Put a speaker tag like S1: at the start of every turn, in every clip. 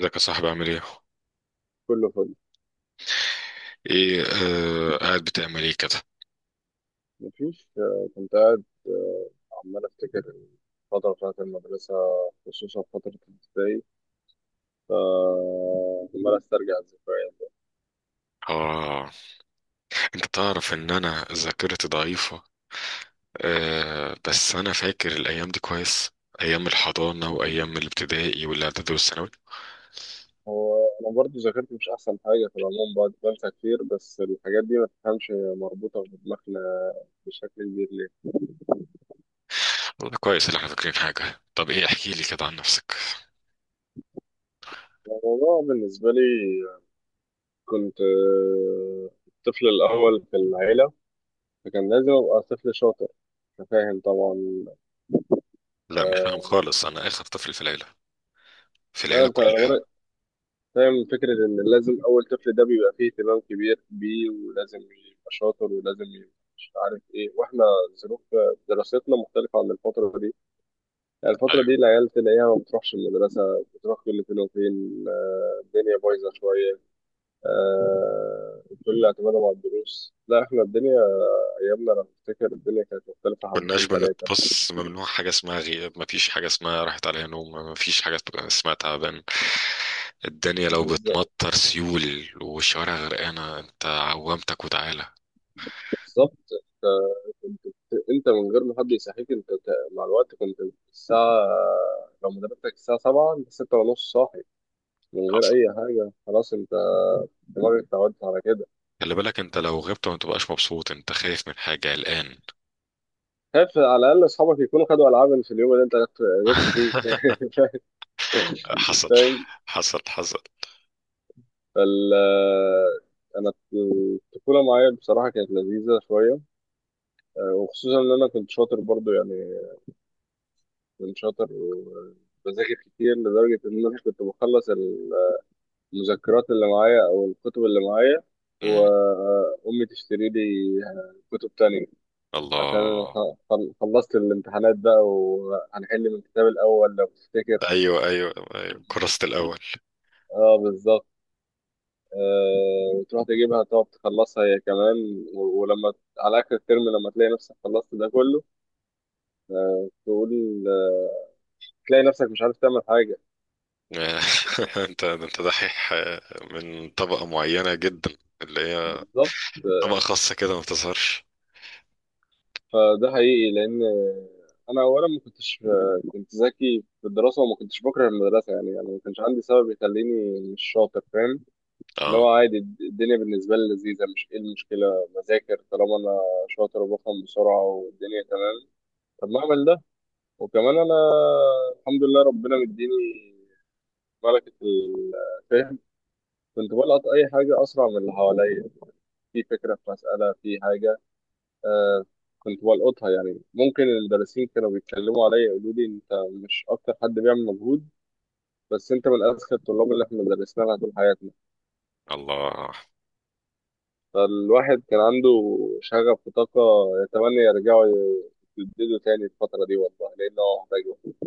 S1: ازيك يا صاحبي عامل ايه؟
S2: كله فل.
S1: ايه؟ قاعد بتعمل ايه كده؟
S2: مفيش كنت قاعد عمال أفتكر الفترة بتاعت المدرسة، خصوصا فترة الابتدائي، فعمال أسترجع الذكريات بقى.
S1: اه، انت تعرف ان انا ذاكرتي ضعيفة. آه بس انا فاكر الايام دي كويس، ايام الحضانة وايام الابتدائي والاعدادي والثانوي.
S2: هو أنا برضه ذاكرتي مش أحسن حاجة في العموم، بعد بنسى كتير، بس الحاجات دي ما تفهمش، هي مربوطة في دماغنا بشكل كبير ليه.
S1: والله كويس اللي احنا فاكرين حاجة. طب ايه، احكي لي كده عن نفسك.
S2: الموضوع بالنسبة لي، كنت الطفل الأول في العيلة، فكان لازم أبقى طفل شاطر. أنت فاهم طبعا؟
S1: لا مش فاهم
S2: آه.
S1: خالص، انا اخر طفل في العيلة، في
S2: لا
S1: العيلة
S2: انت
S1: كلها.
S2: فاهم فكرة إن لازم أول طفل ده بيبقى فيه اهتمام كبير بيه، ولازم يبقى شاطر، ولازم يبقى مش عارف إيه، وإحنا ظروف دراستنا مختلفة عن الفترة دي. يعني الفترة دي العيال تلاقيها ما بتروحش المدرسة، بتروح كل فين وفين، الدنيا بايظة شوية، كل اعتمادهم على الدروس. لا، إحنا الدنيا أيامنا، أنا بفتكر الدنيا كانت مختلفة
S1: كناش
S2: حبتين تلاتة.
S1: بنتبص، ممنوع حاجة اسمها غياب، مفيش حاجة اسمها راحت عليها نوم، مفيش حاجة اسمها تعبان. الدنيا لو
S2: بالظ-
S1: بتمطر سيول والشوارع غرقانة انت عوامتك وتعالى.
S2: بالظبط. انت من غير ما حد يصحيك، مع الوقت كنت الساعة، لو مدرستك الساعة 7 انت 6 ونص صاحي، من غير
S1: حصل.
S2: أي حاجة. خلاص، انت دماغك اتعودت على كده.
S1: خلي بالك انت لو غبت ما تبقاش مبسوط، انت خايف من حاجة الآن.
S2: خايف على الأقل أصحابك يكونوا خدوا ألعاب في اليوم اللي انت جبت فيه
S1: حصل
S2: فاهم.
S1: حصل حصل.
S2: فال. أنا الطفولة معايا بصراحة كانت لذيذة شوية، وخصوصا إن أنا كنت شاطر برضو. يعني كنت شاطر وبذاكر كتير، لدرجة إن أنا كنت بخلص المذكرات اللي معايا او الكتب اللي معايا،
S1: مم.
S2: وامي تشتري لي كتب تانية. عشان
S1: الله.
S2: خلصت الامتحانات بقى، وهنحل من الكتاب الاول لو تفتكر.
S1: ايوه ايوه ايوه، كرست الاول.
S2: اه بالظبط. وتروح تجيبها تقعد تخلصها هي كمان، ولما على اخر الترم، لما تلاقي نفسك خلصت ده كله، تقول تلاقي نفسك مش عارف تعمل حاجة.
S1: انت دحيح، من طبقة معينة جدا، اللي هي
S2: بالظبط.
S1: طبقة خاصة كده ما بتظهرش.
S2: فده حقيقي، لان انا اولا ما كنتش، كنت ذكي في الدراسه، وما كنتش بكره المدرسه، يعني ما كانش عندي سبب يخليني مش شاطر، فاهم. اللي
S1: اه.
S2: هو عادي، الدنيا بالنسبه لي لذيذه، مش ايه المشكله، بذاكر طالما انا شاطر وبفهم بسرعه والدنيا تمام. طب ما اعمل ده. وكمان انا الحمد لله ربنا مديني ملكه الفهم. كنت بلقط اي حاجه اسرع من اللي حواليا، في فكره، في مساله، في حاجه، آه كنت بلقطها. يعني ممكن المدرسين كانوا بيتكلموا عليا، يقولوا لي انت مش اكتر حد بيعمل مجهود، بس انت من اذكى الطلاب اللي احنا درسنا لها طول حياتنا.
S1: الله.
S2: فالواحد كان عنده شغف وطاقة، يتمنى يرجعوا يجددوا تاني الفترة دي، والله، لأنه هو محتاج وقت.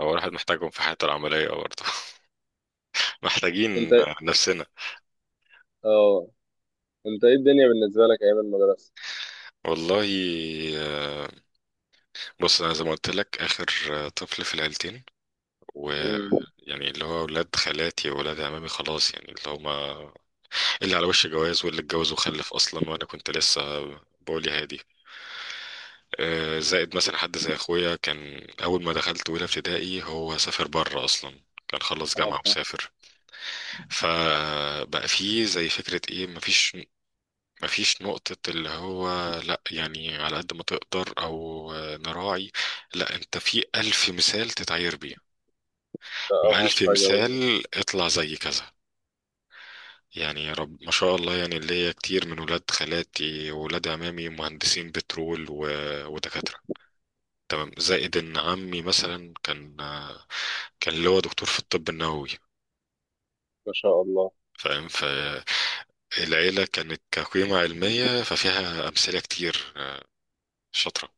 S1: هو الواحد محتاجهم في حياته العملية برضه.
S2: انت
S1: محتاجين نفسنا.
S2: اه انت ايه الدنيا بالنسبة لك ايام المدرسة؟
S1: والله، آه، بص أنا زي ما قلت لك آخر طفل في العيلتين، و
S2: مم.
S1: يعني اللي هو ولاد خالاتي وولاد عمامي خلاص، يعني اللي هما اللي على وش جواز واللي اتجوز وخلف أصلا وأنا كنت لسه بقولي هادي. زائد مثلا حد زي أخويا كان أول ما دخلت أولى ابتدائي هو سافر بره أصلا، كان خلص
S2: اه
S1: جامعة
S2: فاهم.
S1: وسافر. فبقى فيه زي فكرة ايه، مفيش نقطة اللي هو لا يعني على قد ما تقدر أو نراعي، لا أنت في ألف مثال تتعير بيه
S2: ده
S1: وألف
S2: اوحش حاجة ممكن.
S1: مثال اطلع زي كذا. يعني يا رب ما شاء الله، يعني اللي هي كتير من ولاد خالاتي وولاد عمامي مهندسين بترول و... ودكاترة. تمام. زائد إن عمي مثلا كان اللي هو دكتور في الطب النووي،
S2: ما شاء الله.
S1: فاهم. فالعيلة كانت كقيمة علمية، ففيها أمثلة كتير شاطرة.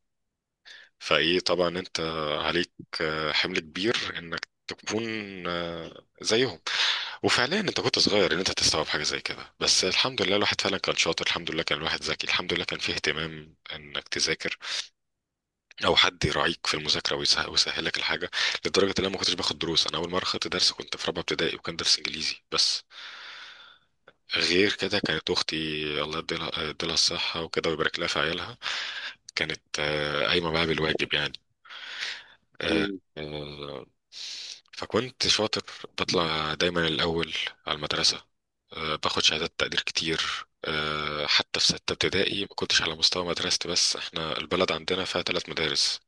S1: فايه طبعا انت عليك حمل كبير انك تكون زيهم. وفعليا انت كنت صغير ان انت تستوعب حاجه زي كده، بس الحمد لله الواحد فعلا كان شاطر، الحمد لله كان الواحد ذكي، الحمد لله كان فيه اهتمام انك تذاكر او حد يراعيك في المذاكره ويسهل لك الحاجه. لدرجه ان انا ما كنتش باخد دروس، انا اول مره خدت درس كنت في رابعه ابتدائي وكان درس انجليزي بس. غير كده كانت اختي، الله يديلها الصحه وكده ويبارك لها في عيالها، كانت قايمه بقى بالواجب يعني. آه،
S2: مم.
S1: آه، فكنت شاطر، بطلع دايما الأول على المدرسة، باخد شهادات تقدير كتير. حتى في ستة ابتدائي ما كنتش على مستوى مدرستي، بس احنا البلد عندنا فيها ثلاث مدارس،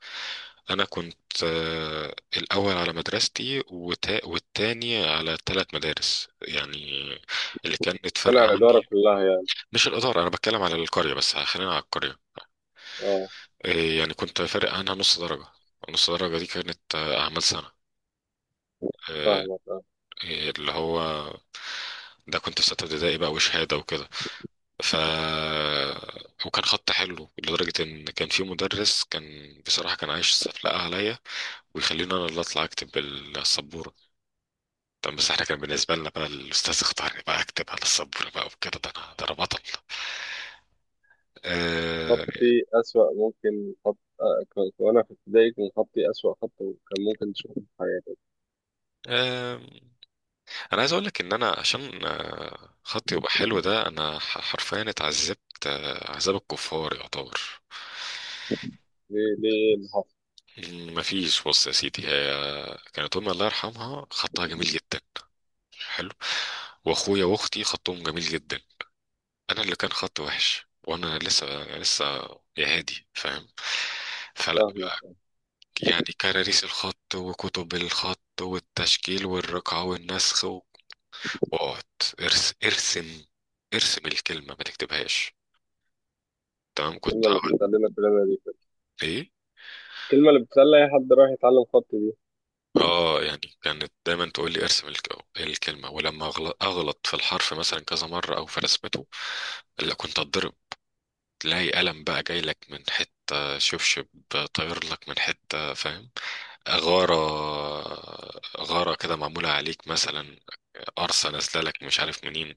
S1: أنا كنت الأول على مدرستي والتاني على ثلاث مدارس يعني، اللي كانت فارقة
S2: طلع الإدارة
S1: عني.
S2: كلها يعني.
S1: مش الإدارة، أنا بتكلم على القرية، بس خلينا على القرية.
S2: اه
S1: آه، يعني كنت فارق عنها نص درجة، نص درجة دي كانت أعمال سنة. آه،
S2: فاهمك.
S1: إيه اللي هو، ده كنت في ستة ابتدائي بقى وشهادة وكده. ف وكان خط حلو لدرجة إن كان في مدرس كان بصراحة كان عايش سفلقة عليا، ويخليني أنا اللي أطلع أكتب بالسبورة. طب بس احنا كان بالنسبة لنا بقى الأستاذ اختارني بقى أكتب على السبورة بقى وكده، ده أنا، ده أنا بطل. آه
S2: خطي أسوأ، ممكن خط، وأنا في ابتدائي كان خطي أسوأ خط كان ممكن تشوفه في حياتك.
S1: آه أنا عايز أقول لك إن أنا عشان خطي يبقى حلو، ده أنا حرفيا اتعذبت عذاب الكفار يعتبر.
S2: ليه، ليه اللي حصل؟
S1: ما فيش، بص يا سيدي، هي كانت امي الله يرحمها خطها جميل جدا، حلو، واخويا واختي خطهم جميل جدا، انا اللي كان خطي وحش، وانا لسه يا هادي فاهم. فلا
S2: فاهمك.
S1: يعني كراريس الخط وكتب الخط والتشكيل والرقعة والنسخ واقعد ارسم الكلمة ما تكتبهاش، تمام، كنت
S2: الكلمة اللي
S1: هقعد.
S2: بتتعلمها كلنا دي كده.
S1: ايه؟
S2: الكلمة اللي بتخلي أي حد رايح يتعلم خط دي.
S1: اه يعني كانت دايما تقول لي ارسم الكلمه، ولما اغلط في الحرف مثلا كذا مره او في رسمته لا كنت اتضرب، تلاقي قلم بقى جاي لك من حته، شبشب طاير لك من حته، فاهم، غاره، غاره كده معموله عليك مثلا، قرصه نازله لك مش عارف منين،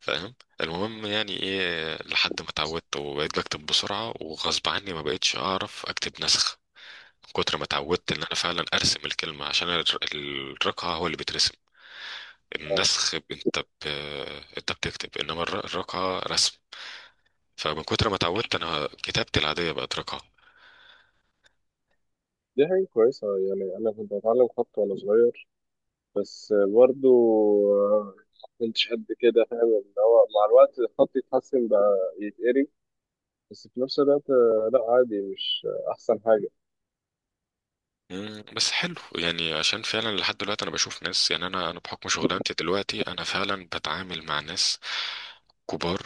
S1: فاهم. المهم يعني ايه، لحد ما اتعودت وبقيت بكتب بسرعه، وغصب عني ما بقيتش اعرف اكتب نسخ من كتر ما اتعودت ان انا فعلا ارسم الكلمه، عشان الرقعه هو اللي بترسم،
S2: أه
S1: النسخ انت انت بتكتب، انما الرقعه رسم. فمن كتر ما اتعودت انا كتابتي العاديه بقت رقعه.
S2: دي حاجة كويسة، يعني أنا كنت بتعلم خط وأنا صغير، بس برضو آه، ما كنتش قد كده، فاهم؟ اللي هو مع الوقت الخط يتحسن بقى يتقري. بس في نفس الوقت لا عادي، مش أحسن حاجة.
S1: مم، بس حلو يعني، عشان فعلا لحد دلوقتي انا بشوف ناس، يعني انا بحكم شغلانتي دلوقتي انا فعلا بتعامل مع ناس كبار.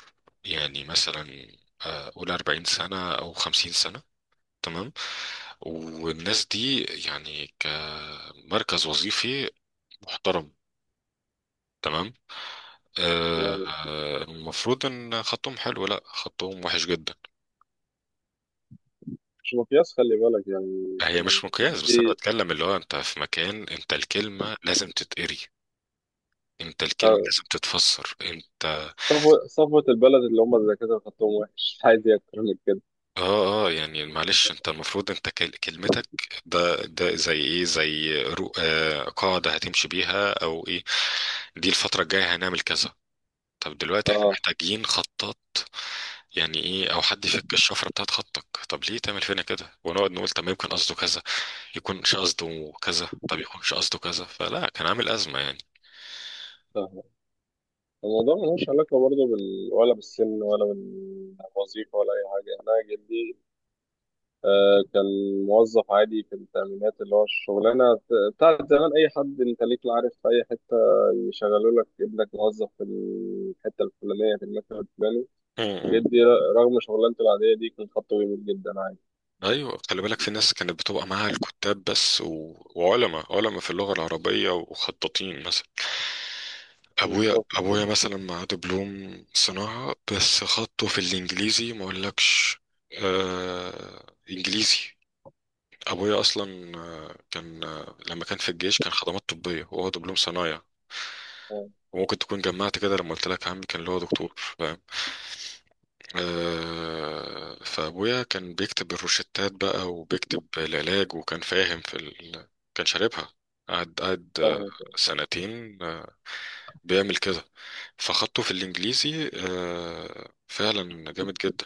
S1: يعني مثلا قول 40 سنه او 50 سنه، تمام، والناس دي يعني كمركز وظيفي محترم، تمام، آه،
S2: أنا
S1: المفروض ان خطهم حلو، لا خطهم وحش جدا.
S2: مش مقياس، خلي بالك، يعني
S1: هي
S2: أنا
S1: مش مقياس، بس انا
S2: جدي.
S1: بتكلم اللي هو انت في مكان، انت الكلمة لازم تتقري، انت الكلمة لازم تتفسر انت.
S2: صفوة صفوة البلد اللي هم الدكاترة خطهم وحش، عايز إيه أكتر من كده؟
S1: اه اه يعني معلش، انت المفروض انت كلمتك، ده زي ايه، زي رو آه قاعدة هتمشي بيها او ايه، دي الفترة الجاية هنعمل كذا. طب دلوقتي احنا
S2: اه
S1: محتاجين خطات يعني، ايه او حد يفك الشفره بتاعت خطك، طب ليه تعمل فينا كده ونقعد نقول طب يمكن قصده كذا، يكونش قصده كذا، طب يكونش قصده كذا، فلا كان عامل ازمه يعني.
S2: فاهم. الموضوع ملوش علاقة برضه ولا بالسن ولا بالوظيفة ولا أي حاجة. أنا جدي كان موظف عادي في التأمينات، اللي هو الشغلانة بتاعت زمان. أي حد أنت ليك عارف في أي حتة يشغلوا لك ابنك موظف في الحتة الفلانية في المكتب الفلاني.
S1: امم،
S2: جدي رغم شغلانته العادية دي كان خطه جميل جدا عادي.
S1: ايوه، خلي بالك في ناس كانت بتبقى معاها الكتاب بس و... وعلماء، علماء في اللغه العربيه وخطاطين مثلا.
S2: بالظبط.
S1: ابويا مثلا معاه دبلوم صناعه بس خطه في الانجليزي ما اقولكش. انجليزي. ابويا اصلا كان لما كان في الجيش كان خدمات طبيه وهو دبلوم صنايع،
S2: اه
S1: وممكن تكون جمعت كده لما قلت لك عمي كان اللي هو دكتور فاهم. آه فابويا كان بيكتب الروشتات بقى وبيكتب العلاج وكان فاهم في ال... كان شاربها، قعد
S2: فاهم.
S1: سنتين بيعمل كده. فخدته في الانجليزي فعلا جامد جدا.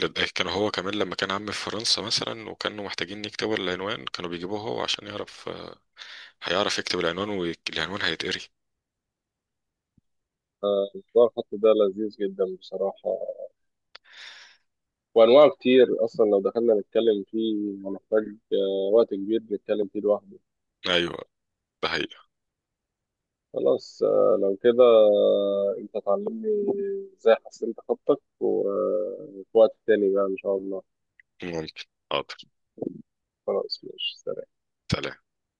S1: كان هو كمان لما كان عمي في فرنسا مثلا وكانوا محتاجين يكتبوا العنوان كانوا بيجيبوه هو عشان يعرف هيعرف يكتب العنوان والعنوان هيتقري.
S2: موضوع الخط ده لذيذ جدا بصراحة، وانواعه كتير اصلا. لو دخلنا نتكلم فيه هنحتاج وقت كبير نتكلم فيه لوحده.
S1: ايوه، ده حقيقة.
S2: خلاص، لو كده انت تعلمني ازاي حسنت خطك، وفي وقت تاني بقى ان شاء الله.
S1: ممكن، حاضر.
S2: خلاص ماشي.
S1: سلام.